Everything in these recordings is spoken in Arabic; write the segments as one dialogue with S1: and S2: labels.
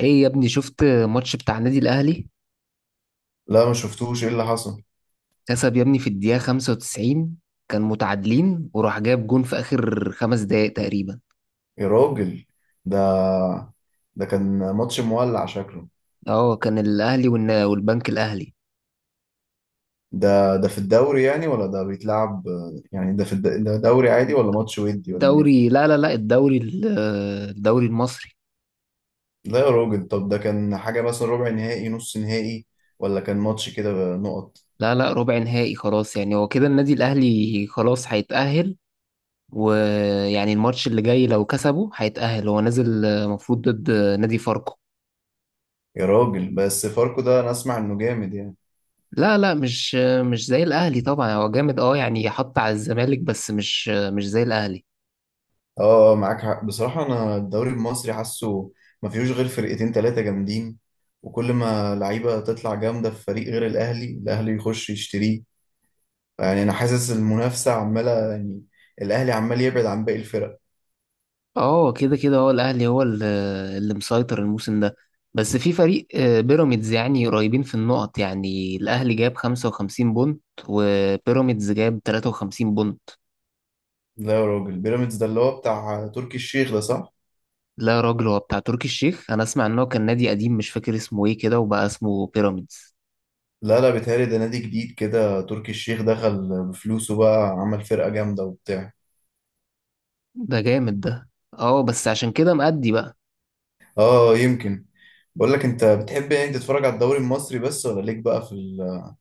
S1: ايه يا ابني، شفت ماتش بتاع النادي الاهلي؟
S2: لا، ما شفتوش ايه اللي حصل.
S1: كسب يا ابني في الدقيقة 95. كان متعادلين وراح جايب جون في اخر 5 دقايق تقريبا.
S2: يا راجل، ده ده كان ماتش مولع شكله.
S1: اه، كان الاهلي والبنك الاهلي.
S2: ده في الدوري يعني، ولا ده بيتلعب يعني؟ ده دوري عادي ولا ماتش ودي ولا ايه؟
S1: الدوري، لا لا لا، الدوري المصري.
S2: لا يا راجل، طب ده كان حاجة مثلا ربع نهائي، نص نهائي، ولا كان ماتش كده نقط؟
S1: لا لا، ربع نهائي خلاص يعني. هو كده النادي الاهلي خلاص هيتأهل، ويعني الماتش اللي جاي لو كسبه هيتأهل، هو نازل المفروض ضد نادي فاركو.
S2: يا راجل، بس فاركو ده انا اسمع انه جامد يعني.
S1: لا لا، مش زي الاهلي طبعا. هو جامد يعني، حط على الزمالك، بس مش زي الاهلي.
S2: اه آه، معاك حق. بصراحة انا الدوري المصري حاسه ما فيهوش غير فرقتين تلاتة جامدين، وكل ما لعيبة تطلع جامدة في فريق غير الأهلي، الأهلي يخش يشتريه. يعني انا حاسس المنافسه عماله يعني الاهلي عمال يبعد عن باقي الفرق.
S1: اه، كده كده هو الاهلي هو اللي مسيطر الموسم ده. بس في فريق بيراميدز يعني قريبين في النقط، يعني الاهلي جاب 55 بونت وبيراميدز جاب 53 بونت.
S2: لا يا راجل، بيراميدز ده اللي هو بتاع تركي الشيخ ده، صح؟
S1: لا يا راجل، هو بتاع تركي الشيخ، انا اسمع ان هو كان نادي قديم مش فاكر اسمه ايه كده، وبقى اسمه بيراميدز.
S2: لا لا، بيتهيألي ده نادي جديد كده، تركي الشيخ دخل بفلوسه بقى، عمل فرقه جامده وبتاع.
S1: ده جامد ده. اه بس عشان كده مأدي بقى.
S2: اه، يمكن. بقول لك، انت بتحب يعني تتفرج على الدوري المصري بس، ولا ليك بقى في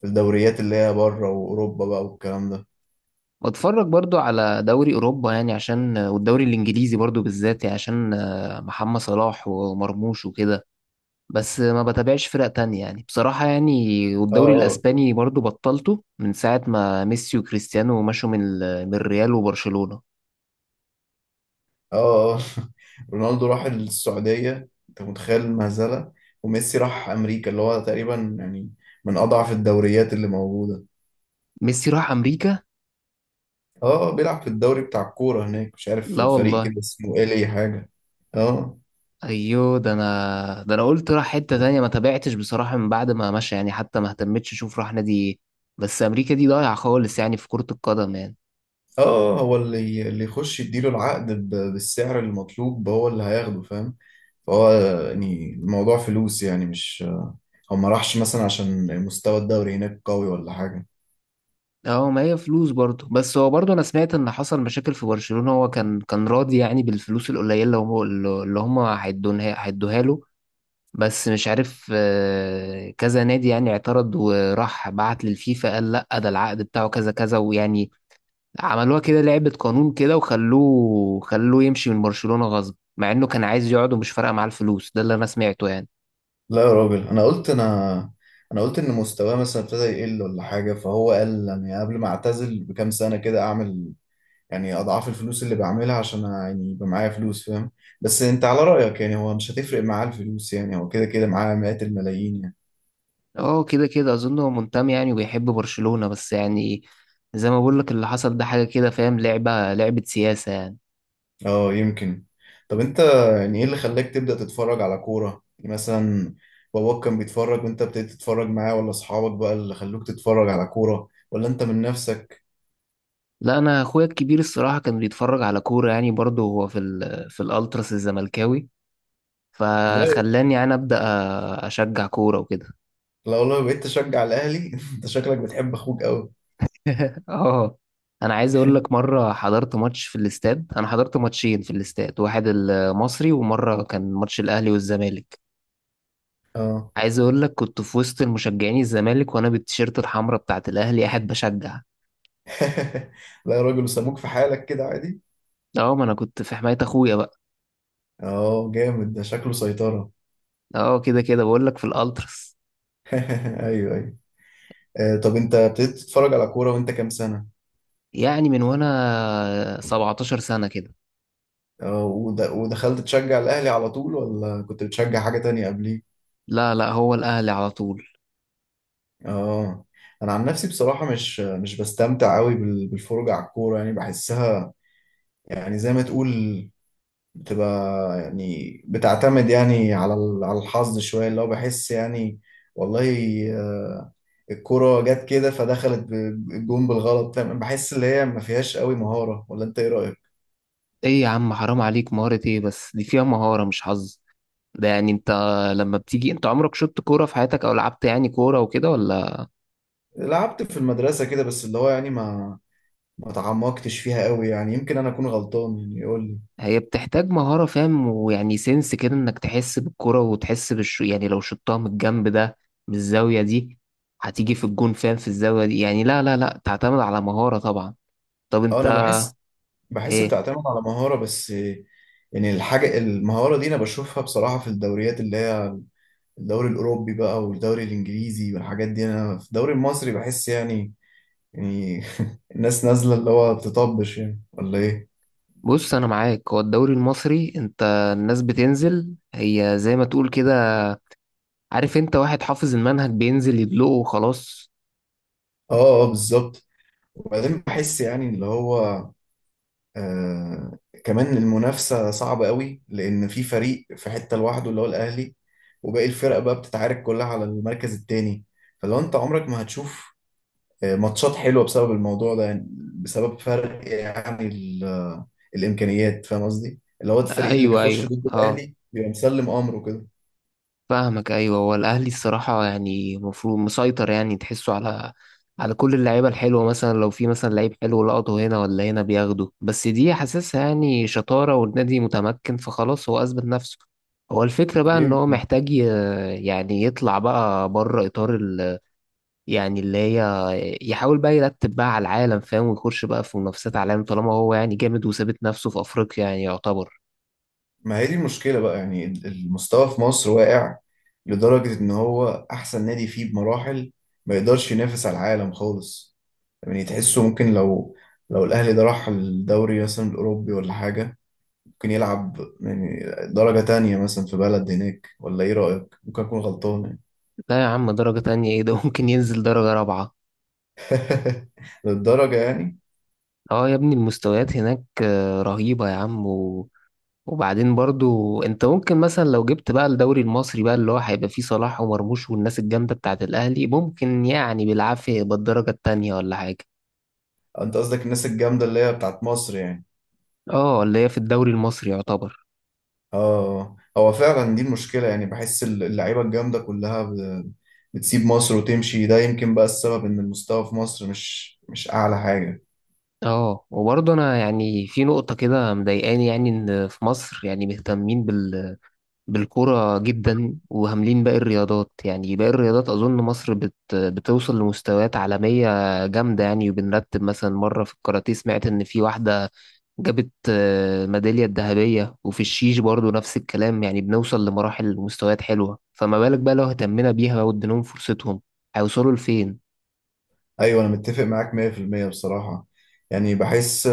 S2: في الدوريات اللي هي بره واوروبا بقى والكلام ده؟
S1: واتفرج برضو على دوري اوروبا، يعني عشان، والدوري الانجليزي برضو بالذات يعني عشان محمد صلاح ومرموش وكده. بس ما بتابعش فرق تانية يعني بصراحة يعني،
S2: اه
S1: والدوري
S2: آه.
S1: الاسباني برضو بطلته من ساعة ما ميسي وكريستيانو مشوا من الريال وبرشلونة.
S2: اه آه. رونالدو راح السعودية، انت متخيل المهزلة؟ وميسي راح امريكا، اللي هو تقريبا يعني من اضعف الدوريات اللي موجودة.
S1: ميسي راح امريكا؟
S2: اه آه، بيلعب في الدوري بتاع الكورة هناك، مش عارف
S1: لا
S2: فريق
S1: والله.
S2: كده اسمه ايه، ليه حاجة. اه.
S1: ايوه، ده انا قلت راح حتة تانية، ما تابعتش بصراحة من بعد ما مشى يعني، حتى ما اهتمتش اشوف راح نادي ايه. بس امريكا دي ضايعة خالص يعني في كرة القدم يعني.
S2: اه آه، آه، هو اللي يخش يديله العقد بالسعر المطلوب هو اللي هياخده، فاهم؟ فهو يعني الموضوع فلوس يعني، مش هو ما راحش مثلا عشان مستوى الدوري هناك قوي ولا حاجة.
S1: اه، ما هي فلوس برضه، بس هو برضه انا سمعت ان حصل مشاكل في برشلونة، هو كان راضي يعني بالفلوس القليلة اللي هم هيدوها له. بس مش عارف، كذا نادي يعني اعترض وراح بعت للفيفا، قال لا ده العقد بتاعه كذا كذا، ويعني عملوها كده لعبة قانون كده، وخلوه يمشي من برشلونة غصب، مع انه كان عايز يقعد ومش فارقة معاه الفلوس، ده اللي انا سمعته يعني.
S2: لا يا راجل، انا قلت ان مستواه مثلا ابتدى يقل ولا حاجه، فهو قال يعني قبل ما اعتزل بكام سنه كده اعمل يعني اضعاف الفلوس اللي بعملها، عشان يعني يبقى معايا فلوس، فاهم؟ بس انت على رايك يعني هو مش هتفرق معاه الفلوس يعني، هو كده كده معاه مئات الملايين يعني.
S1: اه، كده كده اظن هو منتمي يعني وبيحب برشلونة، بس يعني زي ما بقول لك، اللي حصل ده حاجة كده فاهم، لعبة سياسة يعني.
S2: اه، يمكن. طب انت، يعني ايه اللي خلاك تبدا تتفرج على كوره يعني؟ مثلا باباك كان بيتفرج وانت ابتديت تتفرج معاه، ولا اصحابك بقى اللي خلوك تتفرج على كوره، ولا انت من نفسك؟
S1: لا، انا اخويا الكبير الصراحة كان بيتفرج على كورة يعني برضه، هو في الالتراس الزملكاوي،
S2: لا.
S1: فخلاني يعني ابدا اشجع كورة وكده.
S2: لو بقيت تشجع الاهلي انت شكلك بتحب اخوك قوي.
S1: اه. انا عايز اقول لك مرة حضرت ماتش في الاستاد، انا حضرت ماتشين في الاستاد، واحد المصري ومرة كان ماتش الاهلي والزمالك.
S2: اه.
S1: عايز اقول لك كنت في وسط المشجعين الزمالك وانا بالتيشيرت الحمراء بتاعت الاهلي قاعد بشجع.
S2: لا يا راجل، وسابوك في حالك كده عادي؟
S1: اه، ما انا كنت في حماية اخويا بقى.
S2: اه، جامد، ده شكله سيطرة.
S1: اه، كده كده بقول لك في الالتراس.
S2: ايوه ايوه. آه، طب انت ابتديت تتفرج على كورة وانت كام سنة؟
S1: يعني من وانا 17 سنة كده.
S2: اه، ودخلت تشجع الاهلي على طول، ولا كنت بتشجع حاجة تانية قبليه؟
S1: لا لا، هو الاهلي على طول.
S2: اه. انا عن نفسي بصراحة مش بستمتع قوي بالفرجة على الكورة، يعني بحسها يعني زي ما تقول بتبقى يعني بتعتمد يعني على على الحظ شوية، اللي هو بحس يعني والله آه، الكرة جت كده فدخلت الجون بالغلط، فاهم؟ بحس اللي هي ما فيهاش قوي مهارة، ولا انت ايه رأيك؟
S1: ايه يا عم، حرام عليك، مهارة ايه؟ بس دي فيها مهارة مش حظ. ده يعني انت لما بتيجي انت، عمرك شطت كورة في حياتك او لعبت يعني كورة وكده ولا؟
S2: لعبت في المدرسة كده بس، اللي هو يعني ما تعمقتش فيها قوي يعني، يمكن انا اكون غلطان يعني، يقول لي.
S1: هي بتحتاج مهارة فاهم، ويعني سنس كده انك تحس بالكرة وتحس بالش، يعني لو شطها من الجنب ده، من الزاوية دي، هتيجي في الجون فاهم، في الزاوية دي يعني، لا لا لا، تعتمد على مهارة طبعا. طب
S2: اه
S1: انت،
S2: انا بحس، بحس
S1: ايه؟
S2: بتعتمد على مهارة بس. يعني الحاجة المهارة دي انا بشوفها بصراحة في الدوريات اللي هي الدوري الأوروبي بقى والدوري الإنجليزي والحاجات دي. أنا في الدوري المصري بحس يعني، يعني الناس نازلة اللي هو بتطبش يعني، ولا إيه؟
S1: بص انا معاك، هو الدوري المصري انت، الناس بتنزل هي زي ما تقول كده، عارف، انت واحد حافظ المنهج بينزل يدلقه وخلاص.
S2: آه آه، بالظبط. وبعدين بحس يعني اللي هو آه كمان المنافسة صعبة قوي، لأن في فريق في حتة لوحده اللي هو الأهلي، وباقي الفرق بقى بتتعارك كلها على المركز التاني. فلو أنت عمرك ما هتشوف ماتشات حلوه بسبب الموضوع ده يعني، بسبب فرق يعني الامكانيات، فاهم قصدي؟ اللي هو الفريق اللي
S1: ايوه
S2: بيخش
S1: ايوه،
S2: ضد
S1: اه
S2: الاهلي بيبقى مسلم امره كده.
S1: فاهمك، ايوه هو الاهلي الصراحه يعني المفروض مسيطر يعني، تحسه على كل اللعيبه الحلوه، مثلا لو في مثلا لعيب حلو لقطه هنا ولا هنا بياخده، بس دي حاسسها يعني شطاره والنادي متمكن فخلاص هو اثبت نفسه. هو الفكره بقى ان هو
S2: يمكن.
S1: محتاج يعني يطلع بقى بره اطار ال، يعني اللي هي، يحاول بقى يرتب بقى على العالم فاهم، ويخش بقى في منافسات عالم طالما هو يعني جامد وثابت نفسه في افريقيا يعني يعتبر.
S2: ما هي دي المشكله بقى يعني، المستوى في مصر واقع لدرجه ان هو احسن نادي فيه بمراحل ما يقدرش ينافس على العالم خالص. يعني تحسه ممكن لو الاهلي ده راح الدوري مثلا الاوروبي ولا حاجه، ممكن يلعب يعني درجه تانية مثلا في بلد هناك، ولا ايه رايك؟ ممكن اكون غلطان.
S1: لا يا عم، درجه تانية ايه ده؟ ممكن ينزل درجه رابعه.
S2: للدرجة يعني؟
S1: اه يا ابني، المستويات هناك رهيبة يا عم، وبعدين برضو انت ممكن مثلا لو جبت بقى الدوري المصري بقى، اللي هو هيبقى فيه صلاح ومرموش والناس الجامدة بتاعت الأهلي، ممكن يعني بالعافية يبقى الدرجة التانية ولا حاجة.
S2: انت قصدك الناس الجامدة اللي هي بتاعت مصر يعني.
S1: اه، اللي هي في الدوري المصري يعتبر.
S2: اه، هو فعلا دي المشكلة يعني، بحس اللعيبة الجامدة كلها بتسيب مصر وتمشي، ده يمكن بقى السبب ان المستوى في مصر مش اعلى حاجة.
S1: اه، وبرضه انا يعني في نقطة كده مضايقاني، يعني ان في مصر يعني مهتمين بال بالكرة جدا، وهاملين باقي الرياضات، يعني باقي الرياضات أظن مصر بتوصل لمستويات عالمية جامدة يعني. وبنرتب مثلا، مرة في الكاراتيه سمعت إن في واحدة جابت ميدالية الذهبية، وفي الشيش برضو نفس الكلام، يعني بنوصل لمراحل ومستويات حلوة، فما بالك بقى لو اهتمنا بيها واديناهم فرصتهم هيوصلوا لفين.
S2: ايوه انا متفق معاك 100% بصراحة. يعني بحس،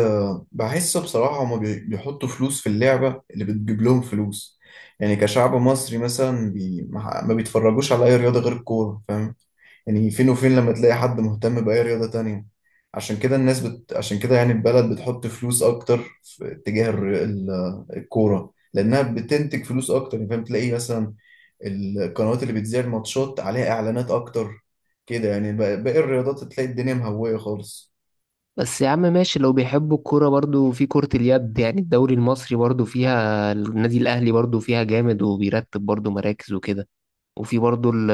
S2: بحس بصراحة هما بيحطوا فلوس في اللعبة اللي بتجيب لهم فلوس. يعني كشعب مصري مثلا، بي ما بيتفرجوش على اي رياضة غير الكورة، فاهم؟ يعني فين وفين لما تلاقي حد مهتم بأي رياضة تانية. عشان كده عشان كده يعني البلد بتحط فلوس أكتر في اتجاه الكورة، لأنها بتنتج فلوس أكتر يعني. فاهم؟ تلاقي مثلا القنوات اللي بتذيع الماتشات عليها إعلانات أكتر كده يعني. باقي الرياضات تلاقي الدنيا مهوية خالص.
S1: بس يا عم ماشي، لو بيحبوا الكورة، برضو في كرة اليد يعني، الدوري المصري برضو فيها النادي الأهلي برضو فيها جامد وبيرتب برضو مراكز وكده. وفي برضو ال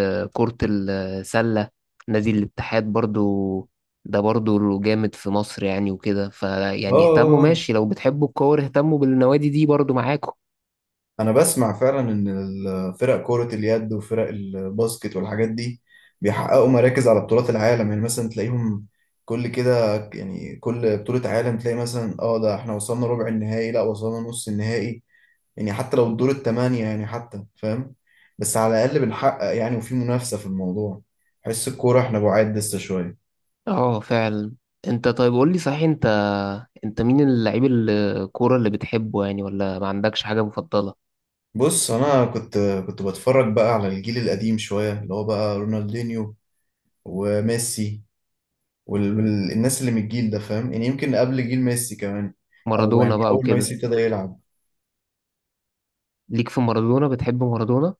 S1: ال- كرة السلة، نادي الاتحاد برضو، ده برضو جامد في مصر يعني وكده، فيعني اهتموا،
S2: آه،
S1: ماشي لو بتحبوا الكورة اهتموا بالنوادي دي برضو معاكم.
S2: انا بسمع فعلا ان الفرق كرة اليد وفرق الباسكت والحاجات دي بيحققوا مراكز على بطولات العالم. يعني مثلا تلاقيهم كل كده يعني، كل بطولة عالم تلاقي مثلا اه ده احنا وصلنا ربع النهائي، لا وصلنا نص النهائي، يعني حتى لو الدور التمانية يعني، حتى فاهم؟ بس على الأقل بنحقق يعني، وفي منافسة في الموضوع. حس الكورة احنا بعاد لسه شوية.
S1: اه فعلا. انت طيب، قول لي صحيح، انت مين اللعيب الكورة اللي بتحبه يعني؟ ولا ما عندكش حاجة مفضلة؟
S2: بص أنا كنت بتفرج بقى على الجيل القديم شوية اللي هو بقى رونالدينيو وميسي والناس اللي من الجيل ده، فاهم يعني؟ يمكن قبل جيل ميسي كمان، او يعني
S1: مارادونا بقى
S2: اول ما
S1: وكده.
S2: ميسي ابتدى يلعب.
S1: ليك في مارادونا؟ بتحب مارادونا؟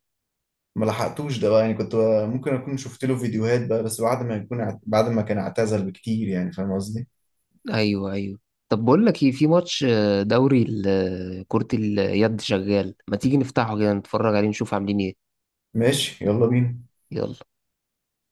S2: ما لحقتوش ده بقى يعني، كنت بقى ممكن اكون شفت له فيديوهات بقى، بس بعد ما يكون بعد ما كان اعتزل بكتير يعني، فاهم قصدي؟
S1: ايوه ايوه. طب بقول لك ايه، في ماتش دوري كرة اليد شغال، ما تيجي نفتحه كده نتفرج عليه نشوف عاملين ايه.
S2: ماشي، يلا بينا.
S1: يلا.